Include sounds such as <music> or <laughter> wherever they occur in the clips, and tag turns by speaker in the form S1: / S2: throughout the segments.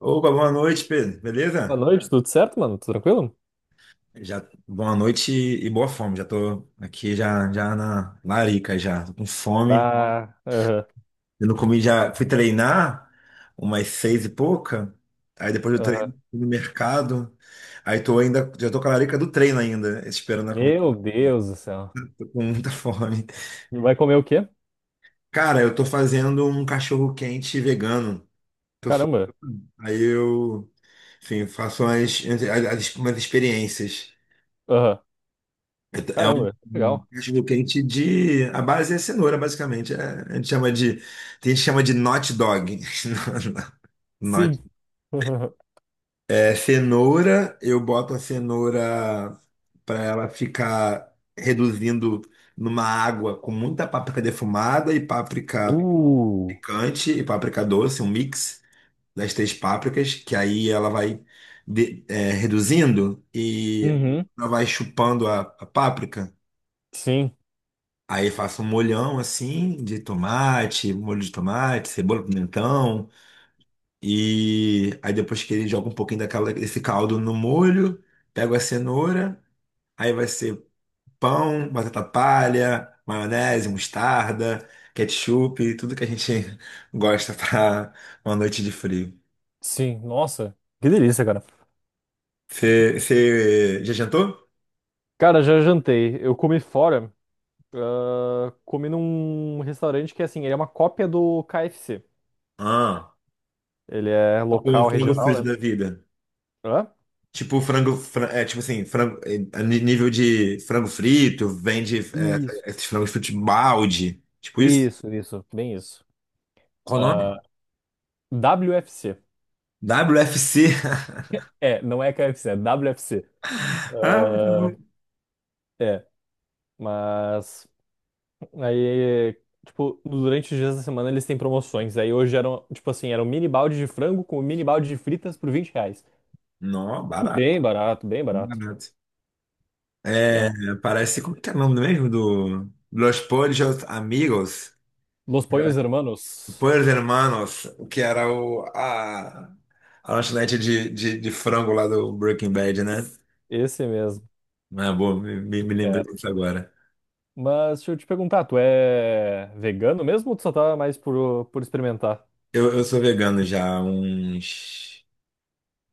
S1: Opa, boa noite, Pedro.
S2: Boa
S1: Beleza?
S2: noite, tudo certo, mano? Tudo tranquilo?
S1: Já, boa noite e boa fome. Já tô aqui já, já na larica já. Tô com fome.
S2: Ah, aham,
S1: Eu não comi já. Fui treinar umas seis e pouca. Aí depois do treino
S2: aham.
S1: fui no mercado. Aí tô ainda. Já tô com a larica do treino ainda. Esperando a comida.
S2: Meu Deus do céu.
S1: Tô com <laughs> muita fome.
S2: Vai comer o quê?
S1: Cara, eu tô fazendo um cachorro quente vegano.
S2: Caramba.
S1: Aí eu, enfim, faço umas, umas experiências.
S2: Aham.
S1: É um
S2: Caramba,
S1: um
S2: legal.
S1: cachorro quente de. A base é cenoura, basicamente. A gente chama de. Tem gente que chama de not dog. <laughs> Not.
S2: Sim. <laughs>
S1: É cenoura, eu boto a cenoura para ela ficar reduzindo numa água com muita páprica defumada e páprica
S2: Uh.
S1: picante e páprica doce, um mix das três pápricas, que aí ela vai é, reduzindo e
S2: Uhum.
S1: ela vai chupando a páprica.
S2: Sim,
S1: Aí faço um molhão assim de tomate, molho de tomate, cebola, pimentão. E aí depois que ele joga um pouquinho daquela, desse caldo no molho, pego a cenoura, aí vai ser pão, batata palha, maionese, mostarda, ketchup, tudo que a gente <laughs> gosta pra uma noite de frio.
S2: sim. Nossa, que delícia, cara.
S1: Você já jantou?
S2: Cara, já jantei. Eu comi fora. Ah, comi num restaurante que, assim, ele é uma cópia do KFC.
S1: Ah,
S2: Ele é
S1: com um
S2: local,
S1: frango
S2: regional,
S1: frito da
S2: né?
S1: vida.
S2: Hã?
S1: Tipo frango, é tipo assim, frango, é, nível de frango frito, vende
S2: Isso.
S1: é, esses frangos fritos balde, tipo isso?
S2: Isso, isso. Bem isso.
S1: Qual o nome?
S2: Ah, WFC.
S1: WFC.
S2: É, não é KFC, é WFC.
S1: <laughs> Ah,
S2: Ah, é, mas aí, tipo, durante os dias da semana eles têm promoções. Aí hoje eram, tipo assim, era um mini balde de frango com um mini balde de fritas por R$ 20.
S1: não, barato,
S2: Bem barato, bem barato.
S1: barato. É,
S2: Então,
S1: parece, como que é o nome mesmo do Los Pollos Amigos?
S2: Los
S1: Era
S2: Pollos Hermanos,
S1: Pollos Hermanos, que era a lanchonete de frango lá do Breaking Bad, né?
S2: esse mesmo.
S1: Ah, boa, me lembrei
S2: É.
S1: disso agora.
S2: Mas deixa eu te perguntar, tu é vegano mesmo ou tu só tá mais por, experimentar?
S1: Eu sou vegano já há uns.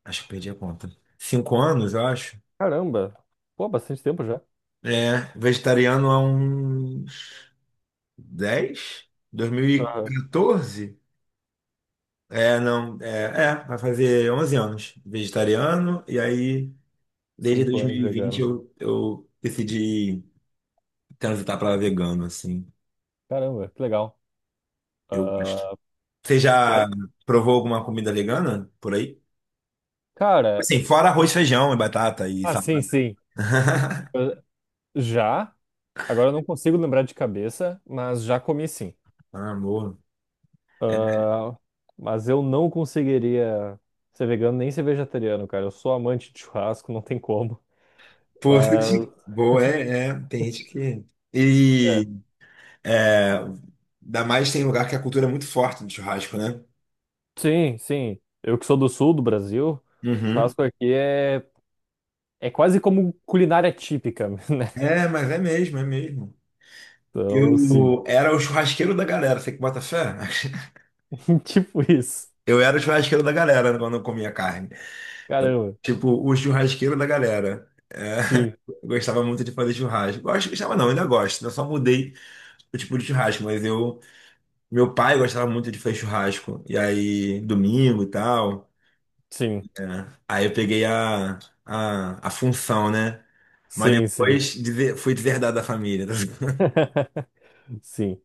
S1: Acho que perdi a conta. Cinco anos, eu acho.
S2: Caramba, pô, bastante tempo já.
S1: É, vegetariano há uns dez? Dois mil e
S2: Aham.
S1: 2014? É, não, é, é, Vai fazer 11 anos vegetariano, e aí desde
S2: Cinco
S1: dois mil
S2: anos
S1: e vinte
S2: vegano.
S1: eu decidi transitar para vegano, assim.
S2: Caramba, que legal.
S1: Eu gosto. Você
S2: Que
S1: já
S2: hora?
S1: provou alguma comida vegana por aí?
S2: Cara,
S1: Assim, fora arroz, feijão e batata e
S2: ah, sim,
S1: salada.
S2: sim.
S1: <laughs>
S2: Ah, já, agora eu não consigo lembrar de cabeça, mas já comi sim.
S1: Ah, amor.
S2: Ah, mas eu não conseguiria ser vegano nem ser vegetariano, cara. Eu sou amante de churrasco, não tem como.
S1: Pô,
S2: Mas
S1: boa, tem gente que. E é, ainda mais tem lugar que a cultura é muito forte do churrasco, né?
S2: sim, sim. Eu que sou do sul do Brasil,
S1: Uhum.
S2: churrasco aqui é, quase como culinária típica, <laughs> né?
S1: É, mas é mesmo, é mesmo.
S2: Então, sim,
S1: Eu era o churrasqueiro da galera, você que bota fé? <laughs>
S2: <laughs> tipo isso.
S1: Eu era o churrasqueiro da galera quando eu comia carne. Eu,
S2: Caramba.
S1: tipo, o churrasqueiro da galera. É,
S2: Sim,
S1: <laughs> eu gostava muito de fazer churrasco. Gosto, gostava não, ainda gosto. Né? Eu só mudei o tipo de churrasco, mas eu, meu pai gostava muito de fazer churrasco. E aí, domingo e tal.
S2: sim,
S1: É. Aí eu peguei a função, né? Mas
S2: sim, sim.
S1: fui deserdado da família.
S2: <laughs> Sim.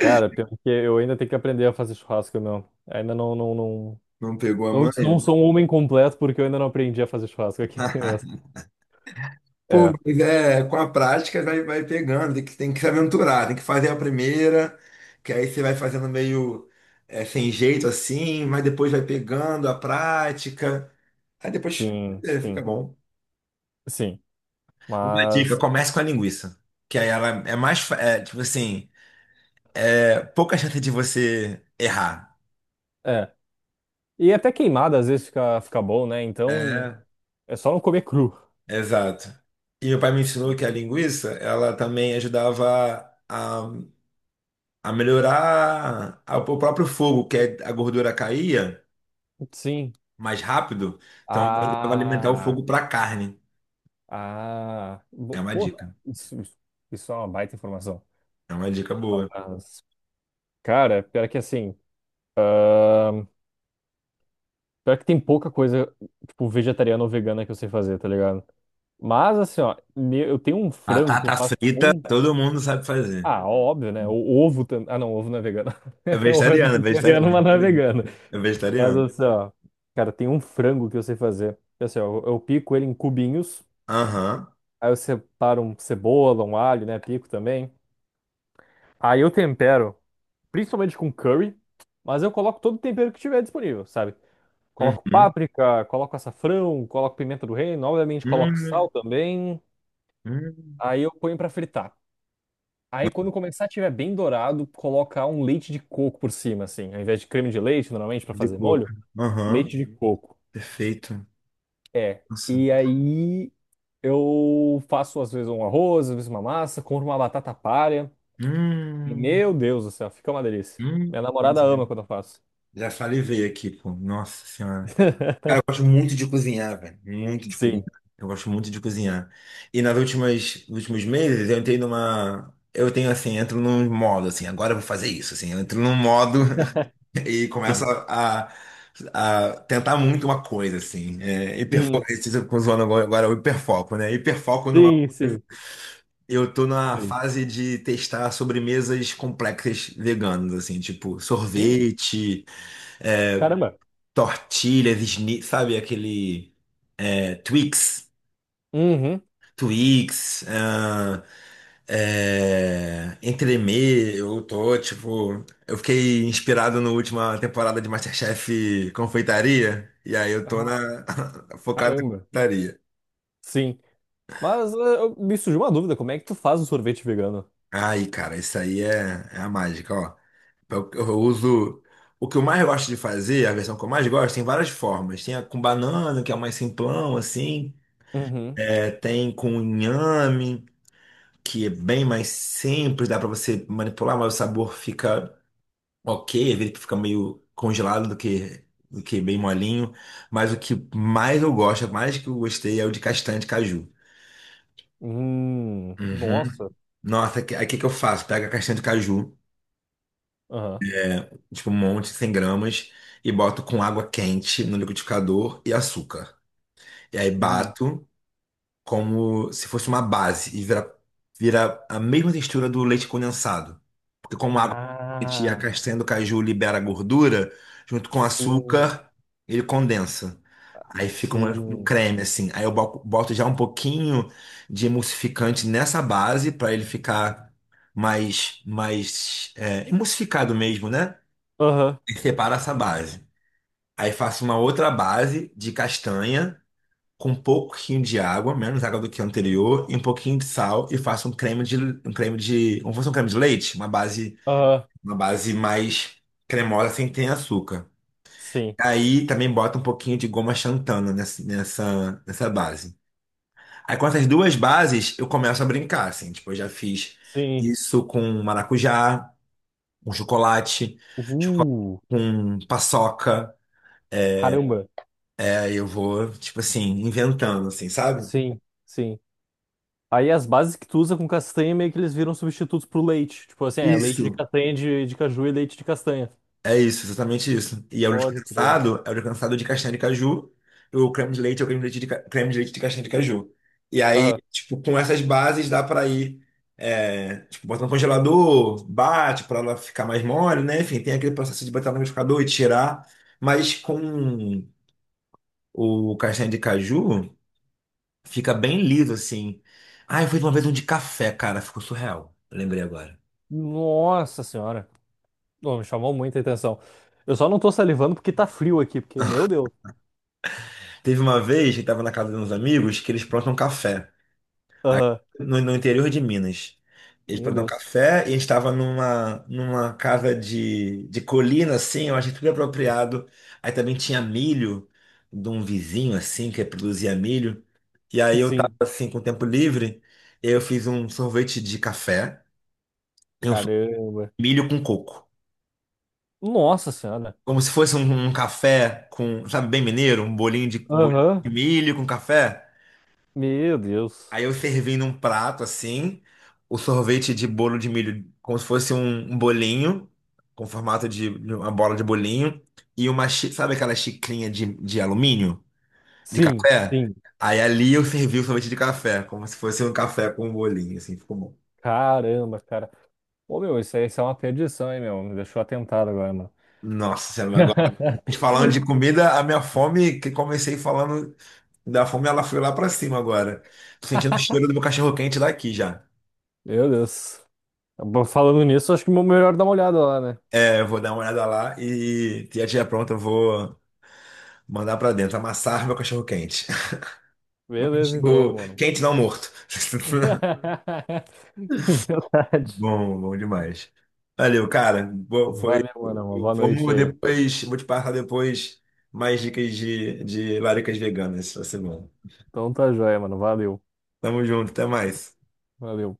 S2: Cara, pior que eu ainda tenho que aprender a fazer churrasco, meu. Ainda não, não, não,
S1: <laughs> Não pegou a
S2: não,
S1: manha?
S2: não sou um homem completo porque eu ainda não aprendi a fazer churrasco aqui. <laughs>
S1: <laughs> Pô,
S2: É,
S1: mas é, com a prática vai, vai pegando, tem que se aventurar, tem que fazer a primeira, que aí você vai fazendo meio é, sem jeito assim, mas depois vai pegando a prática, aí depois
S2: sim,
S1: é, fica
S2: sim,
S1: bom.
S2: sim.
S1: Uma dica,
S2: Mas,
S1: comece com a linguiça. Que aí ela é mais, é, tipo assim, é pouca chance de você errar.
S2: é. E até queimada às vezes fica bom, né? Então,
S1: É.
S2: é só não comer cru.
S1: Exato. E meu pai me ensinou que a linguiça, ela também ajudava a melhorar o próprio fogo, a gordura caía
S2: Sim.
S1: mais rápido, então ela ajudava a alimentar o
S2: Ah,
S1: fogo para carne.
S2: ah.
S1: É uma
S2: Pô,
S1: dica.
S2: isso, isso isso é uma baita informação.
S1: É uma dica boa.
S2: Mas, cara, pior que assim, pior que tem pouca coisa, tipo, vegetariana ou vegana que eu sei fazer, tá ligado? Mas assim, ó, eu tenho um frango que eu
S1: Batata
S2: faço
S1: frita,
S2: com.
S1: todo mundo sabe fazer.
S2: Ah, óbvio, né? O ovo também. Ah, não, ovo não é vegano.
S1: É
S2: <laughs> Ovo é
S1: vegetariano, é
S2: vegetariano,
S1: vegetariano.
S2: mas não é vegano.
S1: É
S2: Mas
S1: vegetariano.
S2: assim, ó, cara, tem um frango que eu sei fazer. Assim, ó, eu pico ele em cubinhos,
S1: Aham.
S2: aí eu separo um cebola, um alho, né? Pico também. Aí eu tempero, principalmente com curry, mas eu coloco todo o tempero que tiver disponível, sabe? Coloco
S1: Uhum.
S2: páprica, coloco açafrão, coloco pimenta do reino, obviamente coloco
S1: Hum,
S2: sal também.
S1: hum.
S2: Aí eu ponho pra fritar. Aí quando começar a tiver bem dourado, colocar um leite de coco por cima, assim. Ao invés de creme de leite, normalmente, pra
S1: De
S2: fazer
S1: coco.
S2: molho,
S1: Aham.
S2: leite de coco.
S1: Perfeito.
S2: É.
S1: Nossa.
S2: E aí eu faço às vezes um arroz, às vezes uma massa, compro uma batata palha. E,
S1: Hum,
S2: meu Deus do céu, fica uma delícia.
S1: hum.
S2: Minha namorada ama quando eu faço.
S1: Já salivei aqui, pô. Nossa senhora. Cara, eu gosto
S2: <laughs>
S1: muito de cozinhar, velho. Muito de cozinhar.
S2: Sim,
S1: Eu gosto muito de cozinhar. E nas últimas, nos últimos meses eu entrei numa. Eu tenho assim, entro num modo, assim, agora eu vou fazer isso, assim, eu entro num modo <laughs> e começo
S2: sim.
S1: a tentar muito uma coisa, assim. É, hiperfoco,
S2: Uhum.
S1: com zoando agora o hiperfoco, né? Hiperfoco numa.
S2: Sim, sim,
S1: Eu tô na
S2: sim.
S1: fase de testar sobremesas complexas veganas, assim, tipo
S2: Hum,
S1: sorvete,
S2: caramba.
S1: tortilhas, sabe? Aquele é, Twix,
S2: Uhum.
S1: Twix, ah, é, entremê, eu tô, tipo, eu fiquei inspirado na última temporada de MasterChef Confeitaria, e aí eu tô
S2: Ah,
S1: na, <laughs> focado na
S2: caramba.
S1: confeitaria.
S2: Sim. Mas me surgiu uma dúvida, como é que tu faz o sorvete vegano?
S1: Aí, cara, isso aí é, é a mágica, ó. Eu uso. O que eu mais gosto de fazer, a versão que eu mais gosto, tem várias formas. Tem a com banana, que é o mais simplão, assim.
S2: Uhum.
S1: É, tem com inhame, que é bem mais simples, dá pra você manipular, mas o sabor fica ok, às vezes fica meio congelado do que bem molinho. Mas o que mais eu gosto, mais que eu gostei, é o de castanha de caju. Uhum.
S2: Nossa.
S1: Nossa, que- aí o que, que eu faço? Pego a castanha de caju,
S2: Aham.
S1: tipo um monte, 100 gramas, e boto com água quente no liquidificador e açúcar. E aí
S2: Hum.
S1: bato como se fosse uma base e vira, vira a mesma textura do leite condensado. Porque como a água e a
S2: Ah,
S1: castanha do caju libera gordura, junto com o
S2: sim,
S1: açúcar, ele condensa. Aí fica um, um
S2: sim.
S1: creme assim. Aí eu boto já um pouquinho de emulsificante nessa base para ele ficar mais é, emulsificado mesmo, né?
S2: Aham,
S1: E separo essa base. Aí faço uma outra base de castanha com um pouquinho de água, menos água do que o anterior, e um pouquinho de sal e faço um creme de, como se fosse um creme de leite,
S2: aham,
S1: uma base mais cremosa sem ter açúcar.
S2: sim,
S1: Aí também bota um pouquinho de goma xantana nessa base. Aí com essas duas bases eu começo a brincar, assim, tipo, eu já fiz
S2: sim.
S1: isso com maracujá, com chocolate, choco-
S2: Uh,
S1: com paçoca.
S2: Caramba.
S1: Aí eu vou, tipo assim, inventando, assim, sabe?
S2: Sim, sim. Aí as bases que tu usa com castanha meio que eles viram substitutos pro leite. Tipo assim, é leite de
S1: Isso.
S2: castanha de caju e leite de castanha.
S1: É isso, exatamente isso. E é o leite
S2: Pode crer.
S1: condensado, é o leite condensado de castanha de caju, e o creme de leite é o creme de leite de, creme de leite de castanha de caju. E aí,
S2: Aham.
S1: tipo, com essas bases dá pra ir, é, tipo, botar no congelador, bate pra ela ficar mais mole, né? Enfim, tem aquele processo de botar no liquidificador e tirar, mas com o castanha de caju fica bem liso, assim. Ah, eu fiz uma vez um de café, cara, ficou surreal. Lembrei agora.
S2: Nossa senhora. Ô, me chamou muita atenção. Eu só não tô salivando porque tá frio aqui, porque, meu Deus.
S1: Teve uma vez que tava na casa de uns amigos que eles plantam café, aqui
S2: Aham.
S1: no interior de Minas. Eles
S2: Meu
S1: plantavam
S2: Deus.
S1: café e a gente estava numa, numa casa de colina, assim, eu achei tudo apropriado. Aí também tinha milho de um vizinho, assim, que produzia milho. E aí eu tava,
S2: Sim.
S1: assim, com tempo livre, eu fiz um sorvete de café e um sorvete
S2: Caramba.
S1: de milho com coco.
S2: Nossa senhora.
S1: Como se fosse um, um café com, sabe, bem mineiro, um bolinho de
S2: Aham.
S1: milho com café.
S2: Meu Deus.
S1: Aí eu servi num prato assim, o sorvete de bolo de milho, como se fosse um um bolinho, com formato de uma bola de bolinho, e uma, sabe aquela xicrinha de alumínio, de
S2: Sim,
S1: café?
S2: sim.
S1: Aí ali eu servi o sorvete de café, como se fosse um café com um bolinho, assim, ficou bom.
S2: Caramba, cara. Ô, meu, isso aí, isso é uma perdição, hein, meu? Me deixou atentado agora, mano.
S1: Nossa Senhora, agora a gente falando de
S2: <laughs>
S1: comida, a minha fome, que comecei falando da fome, ela foi lá pra cima agora. Tô sentindo o cheiro do meu cachorro quente daqui já.
S2: Meu Deus. Bom, falando nisso, acho que é melhor dar uma olhada lá, né?
S1: É, eu vou dar uma olhada lá e a tia pronta, eu vou. Mandar pra dentro, amassar meu cachorro quente. <laughs> Meu
S2: Beleza, então,
S1: cachorro
S2: mano.
S1: quente não morto. <laughs>
S2: <laughs> Verdade.
S1: Bom, bom demais. Valeu, cara. Boa, foi.
S2: Valeu, mano. Uma boa noite
S1: Vamos
S2: aí.
S1: depois, vou te passar depois mais dicas de laricas veganas essa semana.
S2: Então tá joia, mano. Valeu.
S1: Tamo junto, até mais.
S2: Valeu.